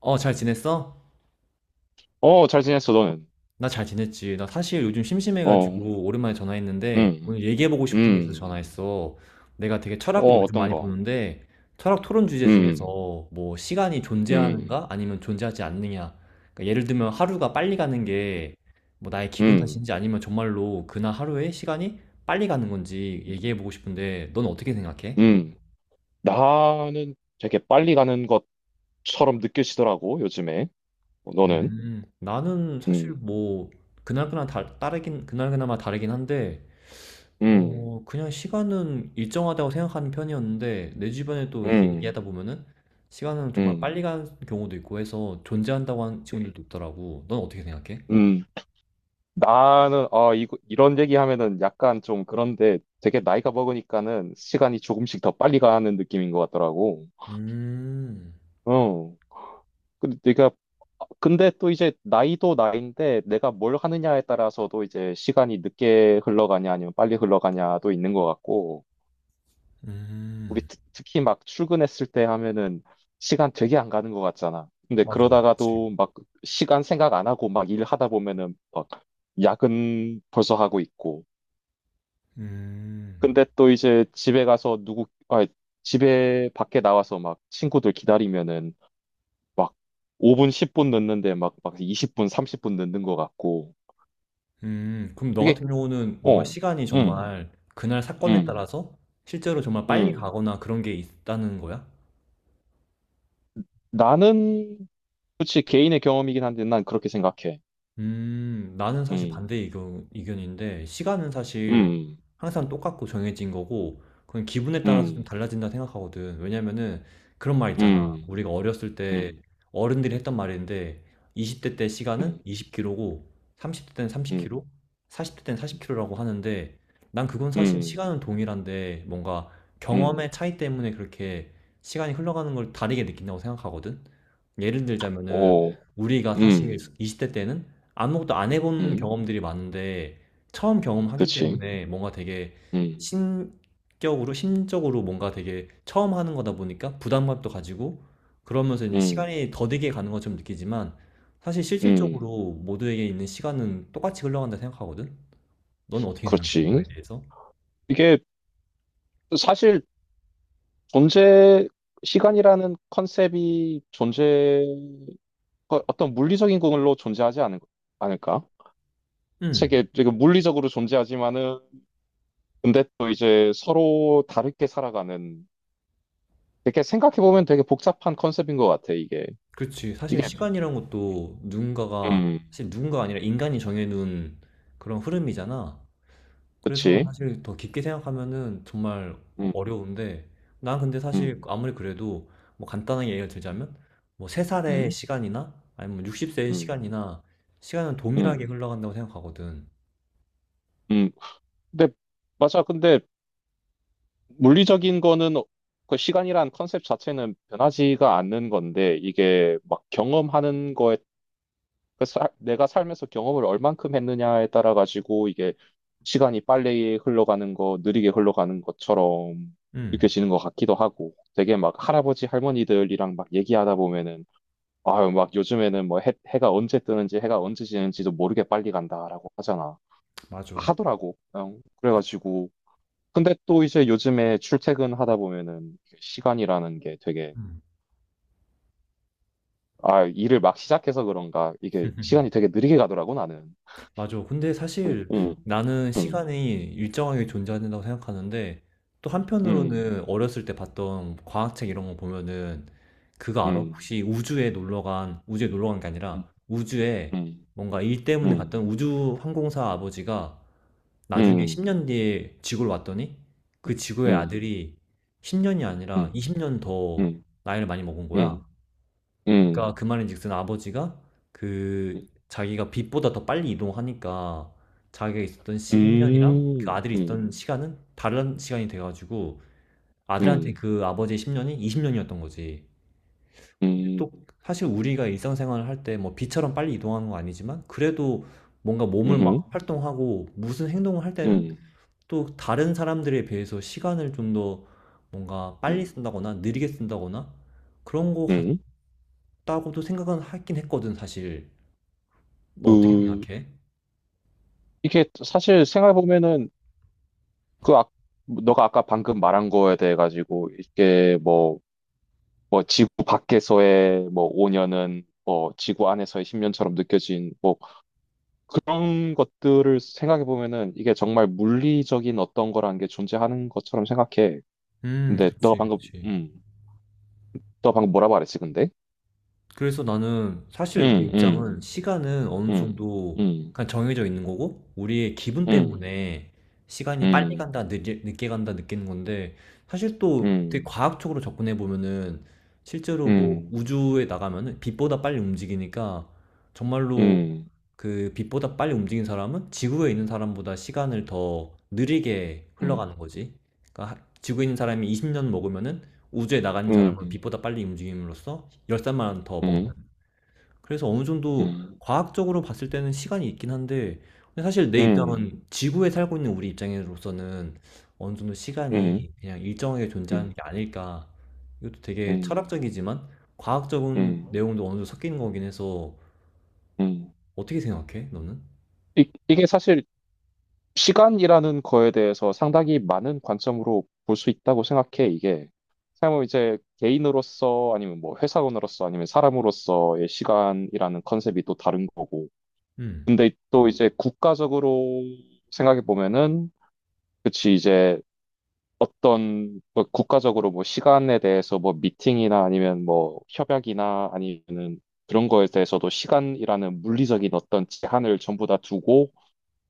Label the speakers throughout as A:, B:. A: 어, 잘 지냈어?
B: 잘 지냈어, 너는?
A: 나 잘 지냈지. 나 사실 요즘
B: 어,
A: 심심해가지고 오랜만에 전화했는데
B: 음,
A: 오늘 얘기해보고 싶은 게 있어서
B: 음,
A: 전화했어. 내가 되게 철학을
B: 어,
A: 요즘
B: 어떤
A: 많이
B: 거?
A: 보는데 철학 토론 주제 중에서
B: 음,
A: 뭐 시간이
B: 음,
A: 존재하는가 아니면 존재하지 않느냐. 그러니까 예를 들면 하루가 빨리 가는 게 뭐 나의 기분
B: 음,
A: 탓인지 아니면 정말로 그날 하루에 시간이 빨리 가는 건지 얘기해보고 싶은데 넌 어떻게 생각해?
B: 음. 나는 되게 빨리 가는 것처럼 느껴지더라고, 요즘에. 어, 너는?
A: 나는 사실
B: 음,
A: 뭐 그날그날마다 다르긴 한데
B: 음,
A: 그냥 시간은 일정하다고 생각하는 편이었는데 내 주변에도 이렇게
B: 음,
A: 얘기하다 보면은 시간은 정말
B: 음,
A: 빨리 가는 경우도 있고 해서 존재한다고 하는 친구들도 있더라고. 넌 어떻게 생각해?
B: 음. 이런 얘기 하면은 약간 좀 그런데 되게 나이가 먹으니까는 시간이 조금씩 더 빨리 가는 느낌인 것 같더라고.
A: 음,
B: 어, 근데 내가 근데 또 이제 나이도 나이인데 내가 뭘 하느냐에 따라서도 이제 시간이 늦게 흘러가냐 아니면 빨리 흘러가냐도 있는 것 같고 우리
A: 음,
B: 특, 히막 출근했을 때 하면은 시간 되게 안 가는 것 같잖아. 근데
A: 맞아, 그치.
B: 그러다가도 막 시간 생각 안 하고 막 일하다 보면은 막 야근 벌써 하고 있고
A: 음,
B: 근데 또 이제 집에 가서 누구 아 집에 밖에 나와서 막 친구들 기다리면은 막 5분, 10분 넣는데 막 20분, 30분 넣는 것 같고.
A: 그럼 너
B: 그게,
A: 같은 경우는 뭔가
B: 어,
A: 시간이
B: 음,
A: 정말 그날 사건에
B: 음,
A: 따라서 실제로 정말 빨리
B: 음.
A: 가거나 그런 게 있다는 거야?
B: 나는, 그치, 개인의 경험이긴 한데 난 그렇게 생각해.
A: 나는 사실
B: 음,
A: 반대 의견인데, 시간은 사실
B: 음,
A: 항상 똑같고 정해진 거고, 그건 기분에 따라서 좀
B: 음,
A: 달라진다 생각하거든. 왜냐면은 그런 말 있잖아.
B: 음,
A: 우리가 어렸을 때
B: 음,
A: 어른들이 했던 말인데, 20대 때 시간은
B: 음,
A: 20km고, 30대 때는
B: 음,
A: 30km, 40대 때는
B: 음,
A: 40km라고 하는데, 난 그건 사실
B: 음,
A: 시간은 동일한데, 뭔가
B: 음.
A: 경험의 차이 때문에 그렇게 시간이 흘러가는 걸 다르게 느낀다고 생각하거든. 예를 들자면은,
B: 오.
A: 우리가 사실
B: 음,
A: 20대 때는 아무것도 안 해본
B: 음,
A: 경험들이 많은데 처음 경험하기
B: 그치.
A: 때문에 뭔가 되게
B: 음,
A: 신격으로 심적으로 뭔가 되게 처음 하는 거다 보니까 부담감도 가지고 그러면서 이제
B: 음,
A: 시간이 더디게 가는 것처럼 느끼지만 사실
B: 음,
A: 실질적으로 모두에게 있는 시간은 똑같이 흘러간다 생각하거든. 넌 어떻게 생각해?
B: 그렇지.
A: 이거에 대해서?
B: 이게 사실 존재, 시간이라는 컨셉이 어떤 물리적인 걸로 존재하지 않은, 않을까?
A: 음,
B: 책에 지금 물리적으로 존재하지만은 근데 또 이제 서로 다르게 살아가는, 이렇게 생각해 보면 되게 복잡한 컨셉인 것 같아 이게.
A: 그렇지. 사실
B: 이게
A: 시간이란 것도 누군가가
B: 음
A: 사실 누군가가 아니라 인간이 정해놓은 그런 흐름이잖아. 그래서
B: 그렇지.
A: 사실 더 깊게 생각하면은 정말 어려운데, 난 근데 사실 아무리 그래도 뭐 간단하게 예를 들자면, 뭐 3살의
B: 음음음음음
A: 시간이나 아니면 60세의 시간이나 시간은 동일하게 흘러간다고 생각하거든.
B: 근데 근데 물리적인 거는, 그 시간이란 컨셉 자체는 변하지가 않는 건데 이게 막 경험하는 거에, 내가 살면서 경험을 얼만큼 했느냐에 따라 가지고 이게 시간이 빨리 흘러가는 거, 느리게 흘러가는 것처럼
A: 음,
B: 느껴지는 것 같기도 하고. 되게 막 할아버지 할머니들이랑 막 얘기하다 보면은 아유 막 해가 언제 뜨는지 해가 언제 지는지도 모르게 빨리 간다라고 하잖아,
A: 맞아.
B: 하더라고. 응, 그래가지고 근데 또 이제 요즘에 출퇴근하다 보면은 시간이라는 게 되게,
A: 음.
B: 아, 일을 막 시작해서 그런가 이게 시간이 되게 느리게 가더라고 나는.
A: 맞아. 근데
B: 응,
A: 사실
B: 응,
A: 나는
B: 응.
A: 시간이 일정하게 존재한다고 생각하는데 또
B: 음,
A: 한편으로는 어렸을 때 봤던 과학책 이런 거 보면은 그거 알아?
B: 음,
A: 혹시 우주에 놀러 간, 우주에 놀러 간 게
B: 음,
A: 아니라 우주에
B: 음,
A: 뭔가 일 때문에
B: 음,
A: 갔던 우주 항공사 아버지가 나중에
B: 음,
A: 10년 뒤에 지구로 왔더니 그
B: 음,
A: 지구의
B: 음,
A: 아들이 10년이 아니라 20년 더
B: 음,
A: 나이를 많이 먹은 거야.
B: 음, 음, 음,
A: 그러니까 그 말인즉슨 아버지가 그 자기가 빛보다 더 빨리 이동하니까 자기가 있었던
B: 음,
A: 십 10년이랑 그
B: 음,
A: 아들이
B: 음,
A: 있던 시간은 다른 시간이 돼가지고 아들한테 그 아버지의 10년이 20년이었던 거지. 근데
B: 음,
A: 또 사실 우리가 일상생활을 할 때 뭐 빛처럼 빨리 이동하는 건 아니지만 그래도 뭔가 몸을 막 활동하고 무슨 행동을 할 때는
B: 음,
A: 또 다른 사람들에 비해서 시간을 좀 더 뭔가 빨리
B: 음,
A: 쓴다거나 느리게 쓴다거나 그런 거
B: 음.
A: 같다고도 생각은 하긴 했거든, 사실. 너 어떻게
B: 그,
A: 생각해?
B: 이게 사실 생각해보면은, 그, 아, 너가 아까 방금 말한 거에 대해 가지고, 지구 밖에서의 5년은, 지구 안에서의 10년처럼 느껴진, 뭐 그런 것들을 생각해 보면은 이게 정말 물리적인 어떤 거라는 게 존재하는 것처럼 생각해. 근데 너
A: 그치,
B: 방금,
A: 그치.
B: 음, 너 방금 뭐라고 말했지, 근데?
A: 그래서 나는 사실 내
B: 음,
A: 입장은
B: 음,
A: 시간은 어느
B: 음,
A: 정도
B: 음,
A: 그냥 정해져 있는 거고 우리의 기분
B: 음,
A: 때문에 시간이 빨리
B: 음,
A: 간다, 늦게 간다 느끼는 건데 사실 또 되게
B: 음,
A: 과학적으로 접근해 보면은 실제로 뭐
B: 음,
A: 우주에 나가면은 빛보다 빨리 움직이니까 정말로
B: 음,
A: 그 빛보다 빨리 움직인 사람은 지구에 있는 사람보다 시간을 더 느리게
B: 음,
A: 흘러가는 거지. 그러니까 지구에 있는 사람이 20년 먹으면은 우주에 나가는 사람은
B: 음,
A: 빛보다 빨리 움직임으로써 열산만 더 먹는.
B: 음,
A: 그래서 어느 정도
B: 음,
A: 과학적으로 봤을 때는 시간이 있긴 한데 근데 사실 내
B: 음, 음,
A: 입장은 지구에 살고 있는 우리 입장으로서는 어느 정도 시간이 그냥 일정하게 존재하는 게 아닐까. 이것도
B: 음,
A: 되게
B: 음,
A: 철학적이지만 과학적인
B: 음,
A: 내용도 어느 정도 섞이는 거긴 해서
B: 음.
A: 어떻게 생각해? 너는?
B: 이게 사실 시간이라는 거에 대해서 상당히 많은 관점으로 볼 수 있다고 생각해, 이게. 사람은 이제 개인으로서 아니면 뭐 회사원으로서 아니면 사람으로서의 시간이라는 컨셉이 또 다른 거고.
A: 음,
B: 근데 또 이제 국가적으로 생각해 보면은, 그치, 이제 어떤 뭐 국가적으로 뭐 시간에 대해서 뭐 미팅이나 아니면 뭐 협약이나 아니면은 그런 거에 대해서도 시간이라는 물리적인 어떤 제한을 전부 다 두고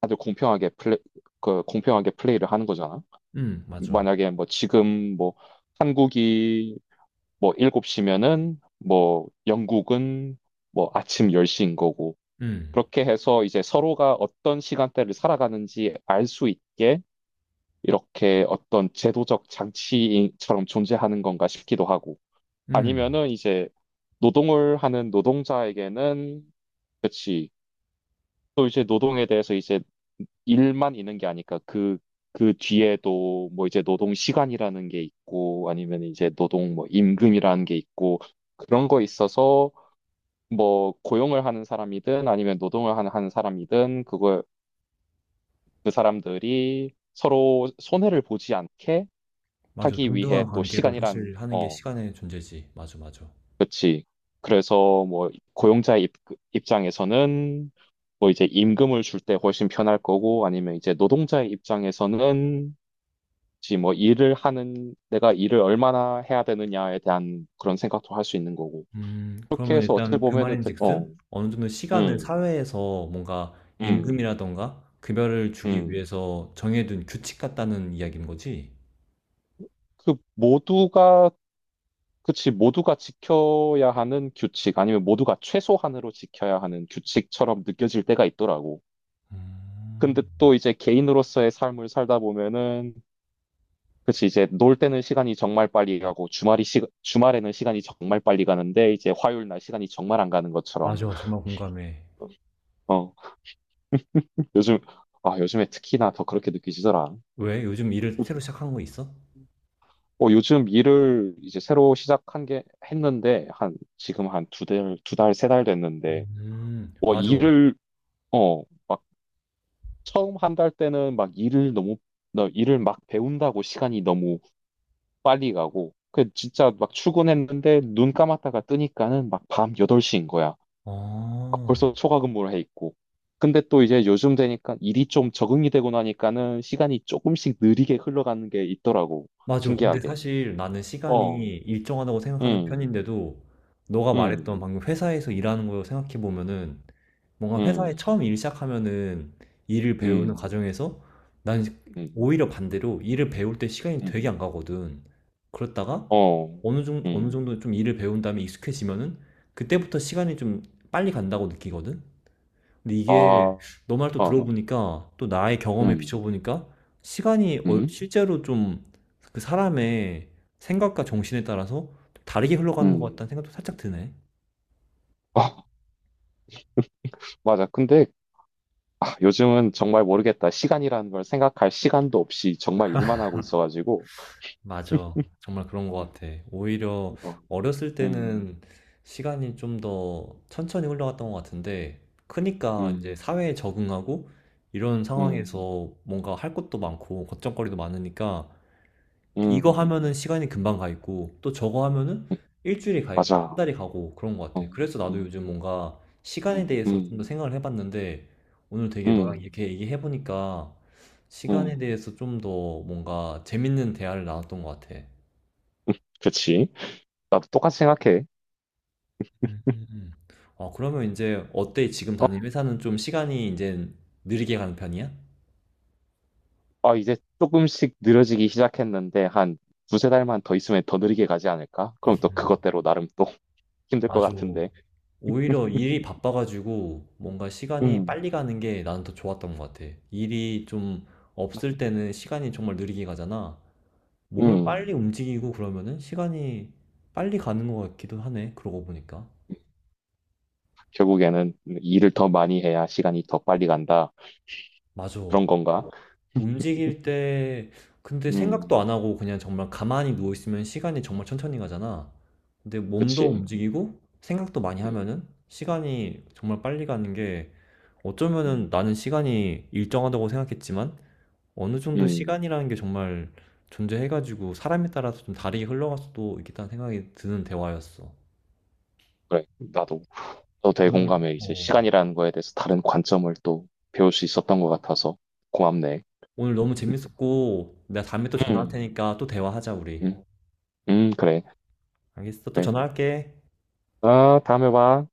B: 다들 그 공평하게 플레이를 하는 거잖아.
A: 맞아.
B: 만약에 뭐 지금 뭐 한국이 뭐 7시면은 뭐 영국은 뭐 아침 10시인 거고.
A: 음,
B: 그렇게 해서 이제 서로가 어떤 시간대를 살아가는지 알 수 있게 이렇게 어떤 제도적 장치처럼 존재하는 건가 싶기도 하고.
A: 음,
B: 아니면은 이제 노동을 하는 노동자에게는, 그치, 또 이제 노동에 대해서 이제 일만 있는 게 아니까 그 뒤에도 뭐 이제 노동 시간이라는 게 있고 아니면 이제 노동 뭐 임금이라는 게 있고 그런 거 있어서 뭐 고용을 하는 사람이든 아니면 하는 사람이든 그걸 그 사람들이 서로 손해를 보지 않게
A: 맞아.
B: 하기 위해
A: 동등한
B: 또
A: 관계로
B: 시간이란,
A: 사실 하는 게 시간의 존재지. 맞아, 맞아.
B: 그렇지, 그래서 뭐 입장에서는 뭐 이제 임금을 줄 때 훨씬 편할 거고 아니면 이제 노동자의 입장에서는 혹시 뭐 일을 하는 내가 일을 얼마나 해야 되느냐에 대한 그런 생각도 할 수 있는 거고. 그렇게
A: 그러면
B: 해서 어찌
A: 일단 그
B: 보면은 되- 어,
A: 말인즉슨 어느 정도 시간을
B: 음,
A: 사회에서 뭔가
B: 음,
A: 임금이라던가 급여를 주기
B: 음.
A: 위해서 정해둔 규칙 같다는 이야기인 거지?
B: 그 모두가 그치, 모두가 지켜야 하는 규칙 아니면 모두가 최소한으로 지켜야 하는 규칙처럼 느껴질 때가 있더라고. 근데 또 이제 개인으로서의 삶을 살다 보면은, 그치, 이제 놀 때는 시간이 정말 빨리 가고, 주말에는 시간이 정말 빨리 가는데, 이제 화요일 날 시간이 정말 안 가는 것처럼.
A: 맞아, 정말 공감해.
B: 어, 요즘, 아, 요즘에 특히나 더 그렇게 느끼시더라.
A: 왜? 요즘 일을 새로 시작한 거 있어?
B: 어, 요즘 일을 이제 새로 시작한 게, 했는데, 지금 한 세 달 됐는데, 어,
A: 맞아.
B: 일을, 막 처음 한 달 때는 막 일을 너무, 너 일을 막 배운다고 시간이 너무 빨리 가고, 그 진짜 막 출근했는데, 눈 감았다가 뜨니까는 막 밤 8시인 거야.
A: 어,
B: 벌써 초과 근무를 해 있고. 근데 또 이제 요즘 되니까 일이 좀 적응이 되고 나니까는 시간이 조금씩 느리게 흘러가는 게 있더라고.
A: 맞아. 근데
B: 신기하게.
A: 사실 나는 시간이
B: 어,
A: 일정하다고 생각하는
B: 음,
A: 편인데도 너가
B: 음,
A: 말했던 방금 회사에서 일하는 거 생각해 보면은 뭔가 회사에
B: 음,
A: 처음 일 시작하면은 일을 배우는
B: 음,
A: 과정에서 난
B: 음,
A: 오히려 반대로 일을 배울 때 시간이
B: 음,
A: 되게 안 가거든. 그렇다가
B: 어,
A: 어느 정, 어느
B: 음,
A: 정도 좀 일을 배운 다음에 익숙해지면은 그때부터 시간이 좀 빨리 간다고 느끼거든. 근데
B: 아,
A: 이게
B: 어,
A: 너 말 또 들어보니까 또 나의 경험에
B: 음,
A: 비춰보니까 시간이
B: 음,
A: 실제로 좀 그 사람의 생각과 정신에 따라서 좀 다르게 흘러가는 것
B: 음.
A: 같다는 생각도 살짝 드네.
B: 아, 맞아. 요즘은 정말 모르겠다. 시간이라는 걸 생각할 시간도 없이 정말 일만 하고 있어가지고.
A: 맞아. 정말 그런
B: 어,
A: 것 같아. 오히려
B: 어,
A: 어렸을
B: 음,
A: 때는 시간이 좀 더 천천히 흘러갔던 것 같은데, 크니까 이제
B: 음,
A: 사회에 적응하고 이런
B: 음,
A: 상황에서 뭔가 할 것도 많고 걱정거리도 많으니까 이거
B: 음,
A: 하면은 시간이 금방 가 있고 또 저거 하면은
B: 음,
A: 일주일이 가 있고 한
B: 맞아.
A: 달이 가고 그런 것 같아.
B: 어,
A: 그래서 나도
B: 음,
A: 요즘 뭔가 시간에
B: 음,
A: 대해서 좀
B: 음,
A: 더 생각을 해봤는데 오늘 되게 너랑
B: 음,
A: 이렇게 얘기해보니까 시간에
B: 음.
A: 대해서 좀 더 뭔가 재밌는 대화를 나눴던 것 같아.
B: 그치. 나도 똑같이 생각해.
A: 음. 어, 그러면 이제 어때? 지금
B: 어,
A: 다니는 회사는 좀 시간이 이제 느리게 가는 편이야?
B: 아, 이제 조금씩 느려지기 시작했는데, 한 두세 달만 더 있으면 더 느리게 가지 않을까? 그럼 또
A: 음.
B: 그것대로 나름 또 힘들 것
A: 맞아.
B: 같은데.
A: 오히려 일이 바빠 가지고 뭔가 시간이
B: 음,
A: 빨리 가는 게 나는 더 좋았던 것 같아. 일이 좀 없을
B: 음,
A: 때는 시간이 정말 느리게 가잖아. 몸을
B: 음.
A: 빨리 움직이고 그러면은 시간이 빨리 가는 것 같기도 하네. 그러고 보니까.
B: 결국에는 일을 더 많이 해야 시간이 더 빨리 간다.
A: 맞아.
B: 그런 건가?
A: 움직일 때 근데 생각도
B: 음,
A: 안 하고 그냥 정말 가만히 누워 있으면 시간이 정말 천천히 가잖아. 근데 몸도
B: 그치.
A: 움직이고 생각도 많이
B: 음,
A: 하면은 시간이 정말 빨리 가는 게 어쩌면은
B: 음,
A: 나는 시간이 일정하다고 생각했지만 어느 정도
B: 음.
A: 시간이라는 게 정말 존재해가지고 사람에 따라서 좀 다르게 흘러갈 수도 있겠다는 생각이 드는 대화였어.
B: 그래, 나도. 또
A: 오늘,
B: 대공감에 이제
A: 어,
B: 시간이라는 거에 대해서 다른 관점을 또 배울 수 있었던 것 같아서 고맙네.
A: 오늘 너무 재밌었고 내가 다음에 또 전화할
B: 음.
A: 테니까 또 대화하자 우리.
B: 음, 그래,
A: 알겠어? 또
B: 그래.
A: 전화할게.
B: 아, 다음에 봐.